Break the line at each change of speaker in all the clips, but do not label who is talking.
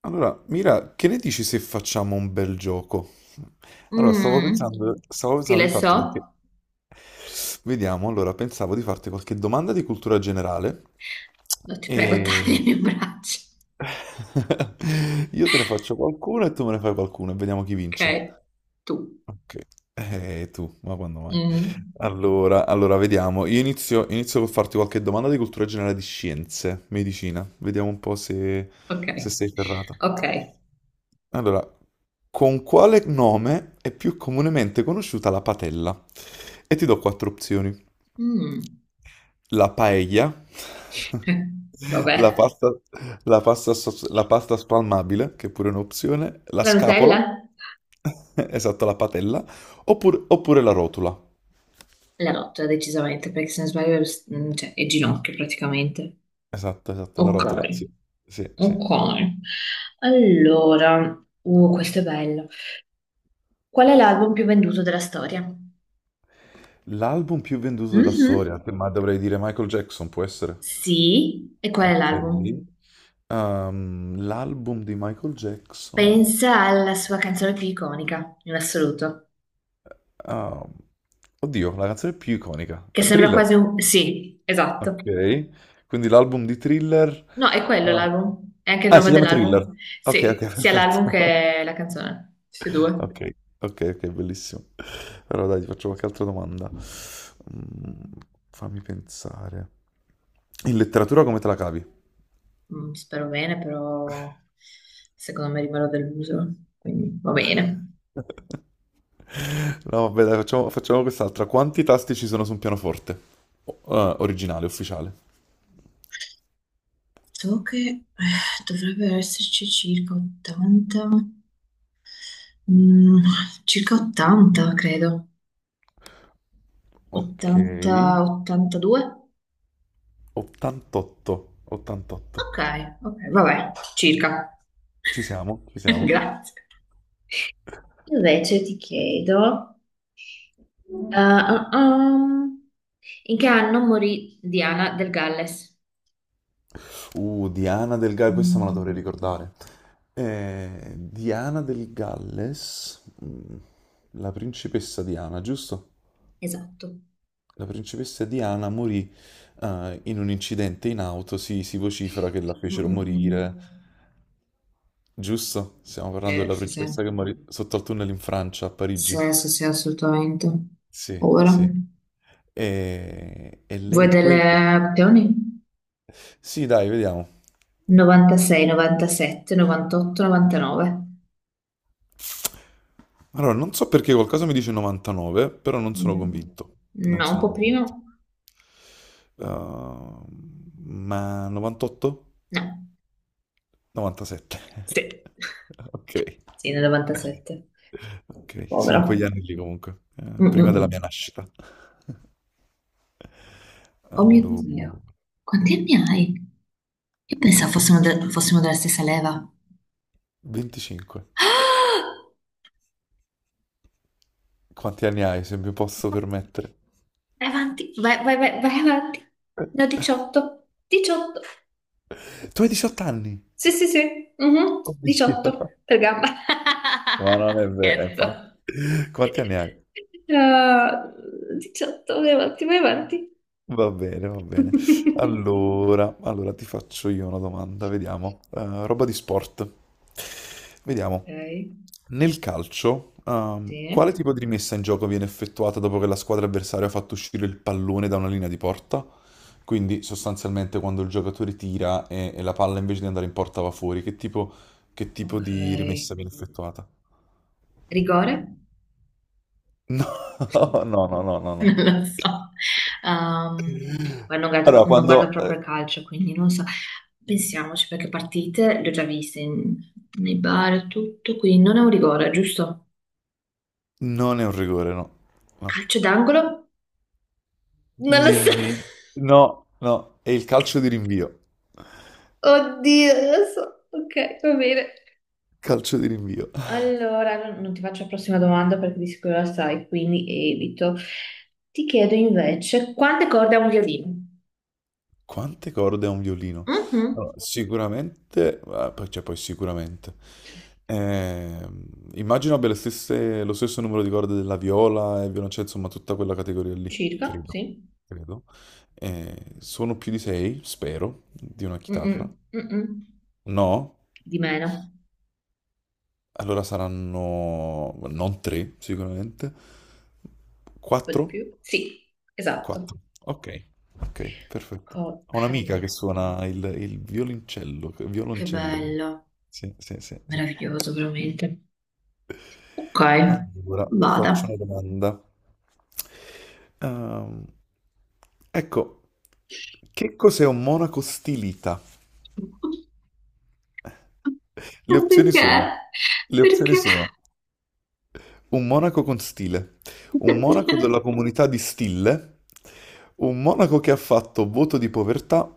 Allora, Mira, che ne dici se facciamo un bel gioco? Allora, stavo
Mm,
pensando, stavo pensando
stile
di
so?
farti qualche... Vediamo, allora, pensavo di farti qualche domanda di cultura generale
No, ti prego,
e...
tagliami un braccio.
Io te ne faccio qualcuno e tu me ne fai qualcuno e vediamo chi
Ok,
vince.
tu.
Ok, tu, ma quando mai?
Mm,
Allora, vediamo. Io inizio col farti qualche domanda di cultura generale di scienze, medicina. Vediamo un po' se,
ok,
se sei ferrata.
ok.
Allora, con quale nome è più comunemente conosciuta la patella? E ti do quattro opzioni.
Mm.
La paella,
eh,
la
Vabbè.
pasta, la pasta spalmabile, che è pure un'opzione, la
La
scapola,
Nutella?
esatto, la patella, oppure la rotula.
La rotta, decisamente, perché se non sbaglio, cioè, è ginocchio praticamente.
Esatto, esatto, la rotula,
Ok,
sì, sì, sì.
ok. Allora, questo è bello. Qual è l'album più venduto della storia?
L'album più venduto della
Mhm.
storia, ma dovrei dire Michael Jackson, può essere?
Sì, e qual è
Ok.
l'album?
L'album di Michael Jackson.
Pensa alla sua canzone più iconica, in assoluto.
ehm, oddio, la canzone più iconica.
Che sembra
Thriller.
quasi un... Sì,
Ok,
esatto.
quindi l'album di Thriller...
No, è quello
Ah,
l'album. È anche il
ah, si
nome
chiama Thriller.
dell'album.
Ok, ok,
Sì, sia l'album
perfetto.
che la canzone. Tutti e due.
Ok, ok, ok, bellissimo. Allora dai, ti faccio qualche altra domanda. Mm, fammi pensare. In letteratura come te la cavi?
Mm, spero bene, però secondo me rimarrò deluso. Quindi va bene.
No, vabbè, dai, facciamo quest'altra. Quanti tasti ci sono su un pianoforte? Originale, ufficiale.
So che dovrebbe esserci circa 80. Mm, circa 80, credo.
Ok,
80, 82?
88, 88.
Ok, ok, vabbè, circa.
Ci siamo, ci siamo.
Grazie. Invece ti chiedo... Ah, ah, ah. In che anno morì Diana del Galles?
Diana del Galles, questa me la dovrei
Mm,
ricordare. Diana del Galles, la principessa Diana, giusto?
esatto.
La principessa Diana morì in un incidente in auto, si vocifera che la
Mm,
fecero
mm, mm.
morire, giusto? Stiamo parlando
Sì,
della
sì, sì,
principessa che morì sotto al tunnel in Francia, a Parigi.
sì, sì, sì, assolutamente.
Sì,
Ora,
sì. E
vuoi
lei
delle
quel...
opzioni?
Sì, dai, vediamo.
96, 97, 98, 99.
Allora, non so perché qualcosa mi dice 99, però non sono
Mm.
convinto. Non
No, un
sono
po' prima?
convinto. Uh, ma 98?
No,
97.
sì,
Ok.
sì, nel 97.
Ok, sì, in quegli
Povero.
anni lì comunque,
Mm,
prima
mm,
della
mm.
mia nascita.
Oh mio Dio,
Allora,
quanti anni hai? Io pensavo fossimo, fossimo della stessa leva.
25.
Ah!
Quanti anni hai, se mi posso permettere?
Vai avanti, vai, vai, vai, vai avanti. Ne ho 18. 18.
Tu hai 18 anni?
Sì, sì, sì. Mhm.
Oddio.
18 per gamba.
Ma non è vero, infatti.
Scherzo.
Quanti anni hai?
Ah, 18, vai avanti, vai avanti.
Va bene, va bene. Allora, ti faccio io una domanda, vediamo. Roba di sport. Vediamo.
Ok,
Nel calcio, quale
sì,
tipo di rimessa in gioco viene effettuata dopo che la squadra avversaria ha fatto uscire il pallone da una linea di porta? Quindi sostanzialmente quando il giocatore tira e la palla invece di andare in porta va fuori, che tipo, di
ok.
rimessa viene effettuata?
Rigore?
No, no, no, no, no, no.
Non lo so. Ehm, guarda,
Allora,
non guardo
quando...
proprio il calcio, quindi non so. Pensiamoci, perché partite le ho già viste nei bar e tutto, quindi non è un rigore, giusto?
Non è un rigore, no. No.
Calcio d'angolo? Non lo so.
Nemmeno. No, no, è il calcio di rinvio.
Oddio, non lo so. Ok, va bene.
Calcio di rinvio.
Allora, non ti faccio la prossima domanda perché di sicuro la sai, quindi evito. Ti chiedo invece, quante corde ha un violino?
Quante corde ha un violino? No,
Mhm,
sicuramente, ah, cioè poi sicuramente. Ehm, immagino abbia lo stesso numero di corde della viola e violoncello, insomma, tutta quella categoria lì,
circa,
credo.
sì.
Credo. Sono più di sei, spero, di una chitarra.
Mm-mm, mm-mm.
No?
Di meno.
Allora saranno non tre, sicuramente.
Po' di
Quattro?
più. Sì, esatto.
Quattro. Ok, ok, perfetto.
Co-
Ho un'amica
Sì.
che suona il violoncello.
Che
Violoncello.
bello,
Sì, sì, sì, sì.
meraviglioso veramente. Ok,
Allora, ti
vada.
faccio una domanda. Ehm, ecco, che cos'è un monaco stilita? Le opzioni
Perché?
sono, le opzioni
Perché?
sono un monaco con stile, un monaco della comunità di Stille, un monaco che ha fatto voto di povertà,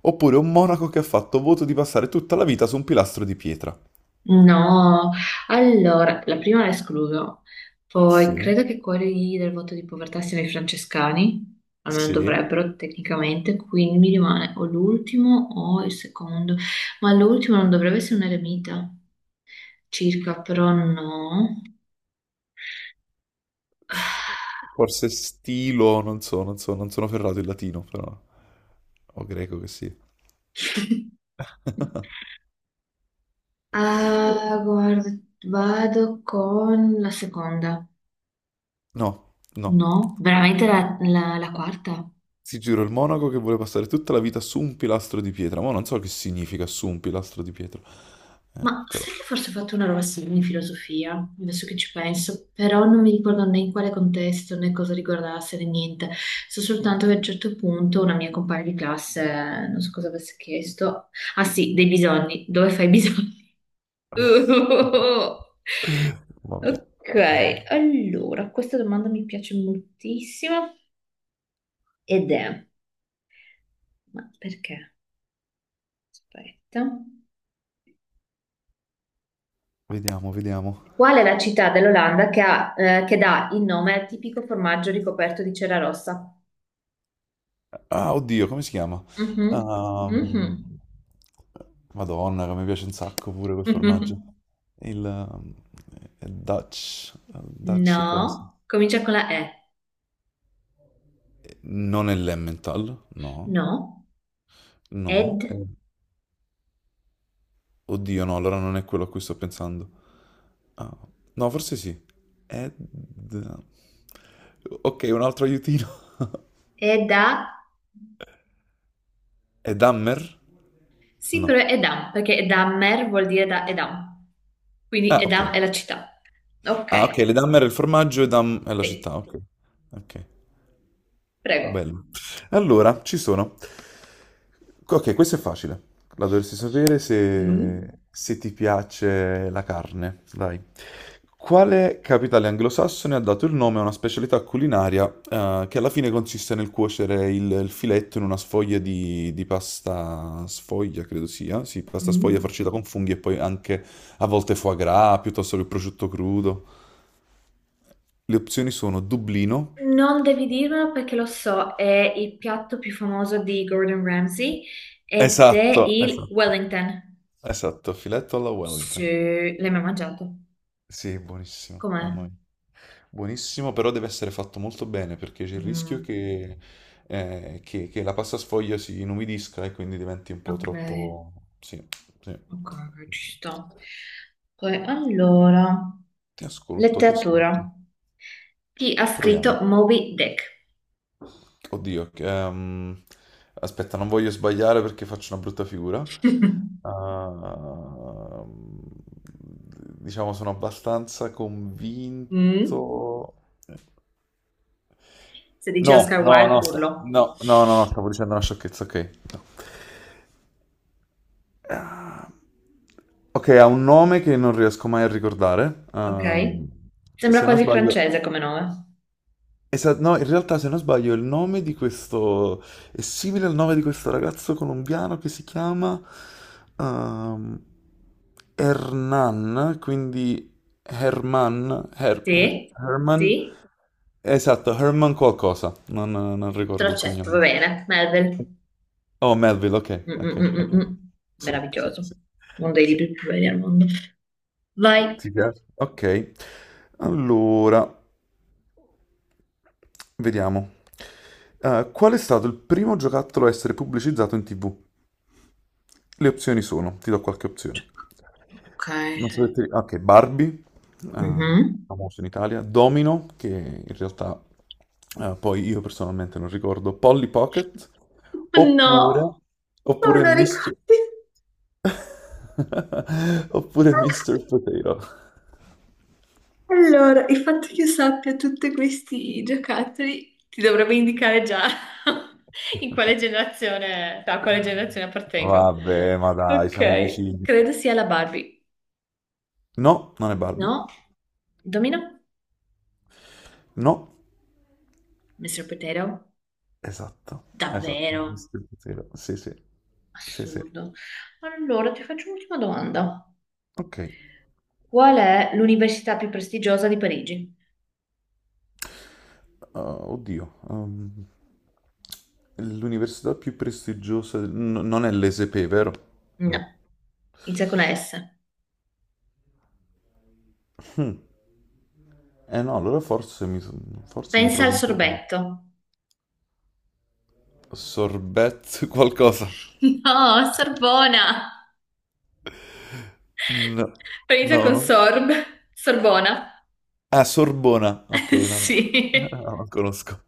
oppure un monaco che ha fatto voto di passare tutta la vita su un pilastro di pietra.
No, allora, la prima la escludo, poi
Sì,
credo che quelli del voto di povertà siano i francescani, almeno
sì.
dovrebbero tecnicamente, quindi mi rimane o l'ultimo o il secondo, ma l'ultimo non dovrebbe essere un eremita, circa, però no.
Forse stilo, non so, non sono ferrato in latino, però. O greco che sì.
Ah, guarda, vado con la seconda,
No, no.
no, veramente la quarta.
Si giuro il monaco che vuole passare tutta la vita su un pilastro di pietra. Ma non so che significa su un pilastro di pietra. Eh,
Ma
però,
sai che forse ho fatto una roba simile in filosofia, adesso che ci penso, però non mi ricordo né in quale contesto né cosa riguardasse né niente. So soltanto che a un certo punto una mia compagna di classe, non so cosa avesse chiesto, ah sì, dei bisogni, dove fai i bisogni?
mamma mia.
Ok, allora, questa domanda mi piace moltissimo ed è, ma perché? Aspetta.
Vediamo, vediamo.
Qual è la città dell'Olanda che, ha, che dà il nome al tipico formaggio ricoperto di cera rossa?
Ah, oddio, come si chiama?
Mhm, mhm,
Ehm, Madonna, che mi piace un sacco pure quel formaggio.
mhm.
Il è Dutch cosa?
No, comincia con la E.
Non è l'Emmental, no,
No,
no.
ed,
Oddio, no, allora non è quello a cui sto pensando. Ah, no, forse sì. Ed... Ok, un altro aiutino.
eda.
È Dammer?
Sì,
No.
però è Edam, perché Edamer vuol dire da Edam. Quindi
Ah, ok.
Edam è la città. Ok,
Ah, ok, le Dammer è il formaggio e Dam è la
sì,
città, ok. Ok.
prego.
Bello. Allora, ci sono. Ok, questo è facile. La dovresti sapere
Mm,
se ti piace la carne. Dai. Quale capitale anglosassone ha dato il nome a una specialità culinaria, che alla fine consiste nel cuocere il filetto in una sfoglia di pasta sfoglia, credo sia. Sì, pasta sfoglia
mm.
farcita con funghi e poi anche a volte foie gras, piuttosto che prosciutto crudo. Le opzioni sono Dublino.
Non devi dirmelo perché lo so, è il piatto più famoso di Gordon Ramsay ed è
Esatto,
il
esatto.
Wellington.
Esatto, filetto alla Wellington.
Sì, l'hai mai mangiato?
Sì, buonissimo,
Com'è?
mamma mia. Buonissimo, però deve essere fatto molto bene perché c'è il rischio
Mm,
che la pasta sfoglia si inumidisca e quindi diventi un po'
ok,
troppo... Sì, sì.
ok, ok, ci sto. Poi, allora,
Ti ascolto, ti ascolto.
letteratura. Chi ha scritto
Proviamo.
Moby Dick?
Oddio, aspetta, non voglio sbagliare perché faccio una brutta figura. Ehm, diciamo, sono abbastanza
Mm,
convinto.
se dice
No,
Oscar
no,
Wilde,
no,
urlo.
no, no, no, no, stavo dicendo una sciocchezza, ok. Ah, ok, ha un nome che non riesco mai a ricordare.
Ok.
ehm,
Sembra
se non
quasi
sbaglio...
francese come nome.
No, in realtà se non sbaglio il nome di questo... è simile al nome di questo ragazzo colombiano che si chiama... ehm, Hernan, quindi Herman...
Sì?
Herman...
Sì?
Esatto, Herman qualcosa. Non ricordo il
Trocetto, va
cognome.
bene. Marvel.
Oh, Melville, ok,
Mm,
ok.
mm, mm, mm,
Ok.
mm.
Sì, sì,
Meraviglioso.
sì.
Uno dei
Sì.
libri più belli al mondo. Vai.
Ti piace? Ok. Allora, vediamo. Qual è stato il primo giocattolo a essere pubblicizzato in TV? Le opzioni sono, ti do qualche opzione.
Ok.
Non so se ti... Ok, Barbie, eh,
Mhm.
famoso in Italia, Domino, che in realtà poi io personalmente non ricordo, Polly Pocket,
No,
oppure,
non
oppure
me lo
Mr.
ricordi.
Oppure Mr. Potato.
Allora, il fatto che io sappia tutti questi giocattoli ti dovrebbe indicare già in quale generazione, a quale generazione appartengo.
Vabbè, ma dai, siamo
Ok,
vicini.
credo sia la Barbie.
No, non è Barbie.
No, il domino?
No,
Mr. Potato?
esatto, esatto.
Davvero?
Mr. Potato. Sì, sì, sì, sì.
Assurdo. Allora, ti faccio un'ultima domanda.
Ok.
Qual è l'università più prestigiosa di Parigi?
Oddio. L'università più prestigiosa non è l'ESP, vero?
No,
No.
inizia con la S.
Hmm. Eh no, allora forse mi
Pensa
trovo
al
impreparato.
sorbetto.
Sorbet qualcosa.
No, Sorbona.
No,
Inizia
no,
con
no.
sorb. Sorbona.
Ah, Sorbona. Ok, no, no,
Sì.
No, non conosco.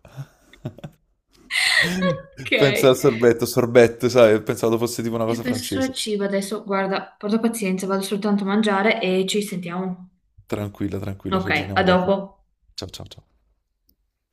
Ok.
Pensa al sorbetto, sorbetto, sai, pensavo fosse tipo una
Io
cosa
penso solo al
francese.
cibo adesso. Guarda, porta pazienza, vado soltanto a mangiare e ci sentiamo.
Tranquilla, tranquilla, ci
Ok, a
aggiorniamo dopo.
dopo.
Ciao, ciao, ciao.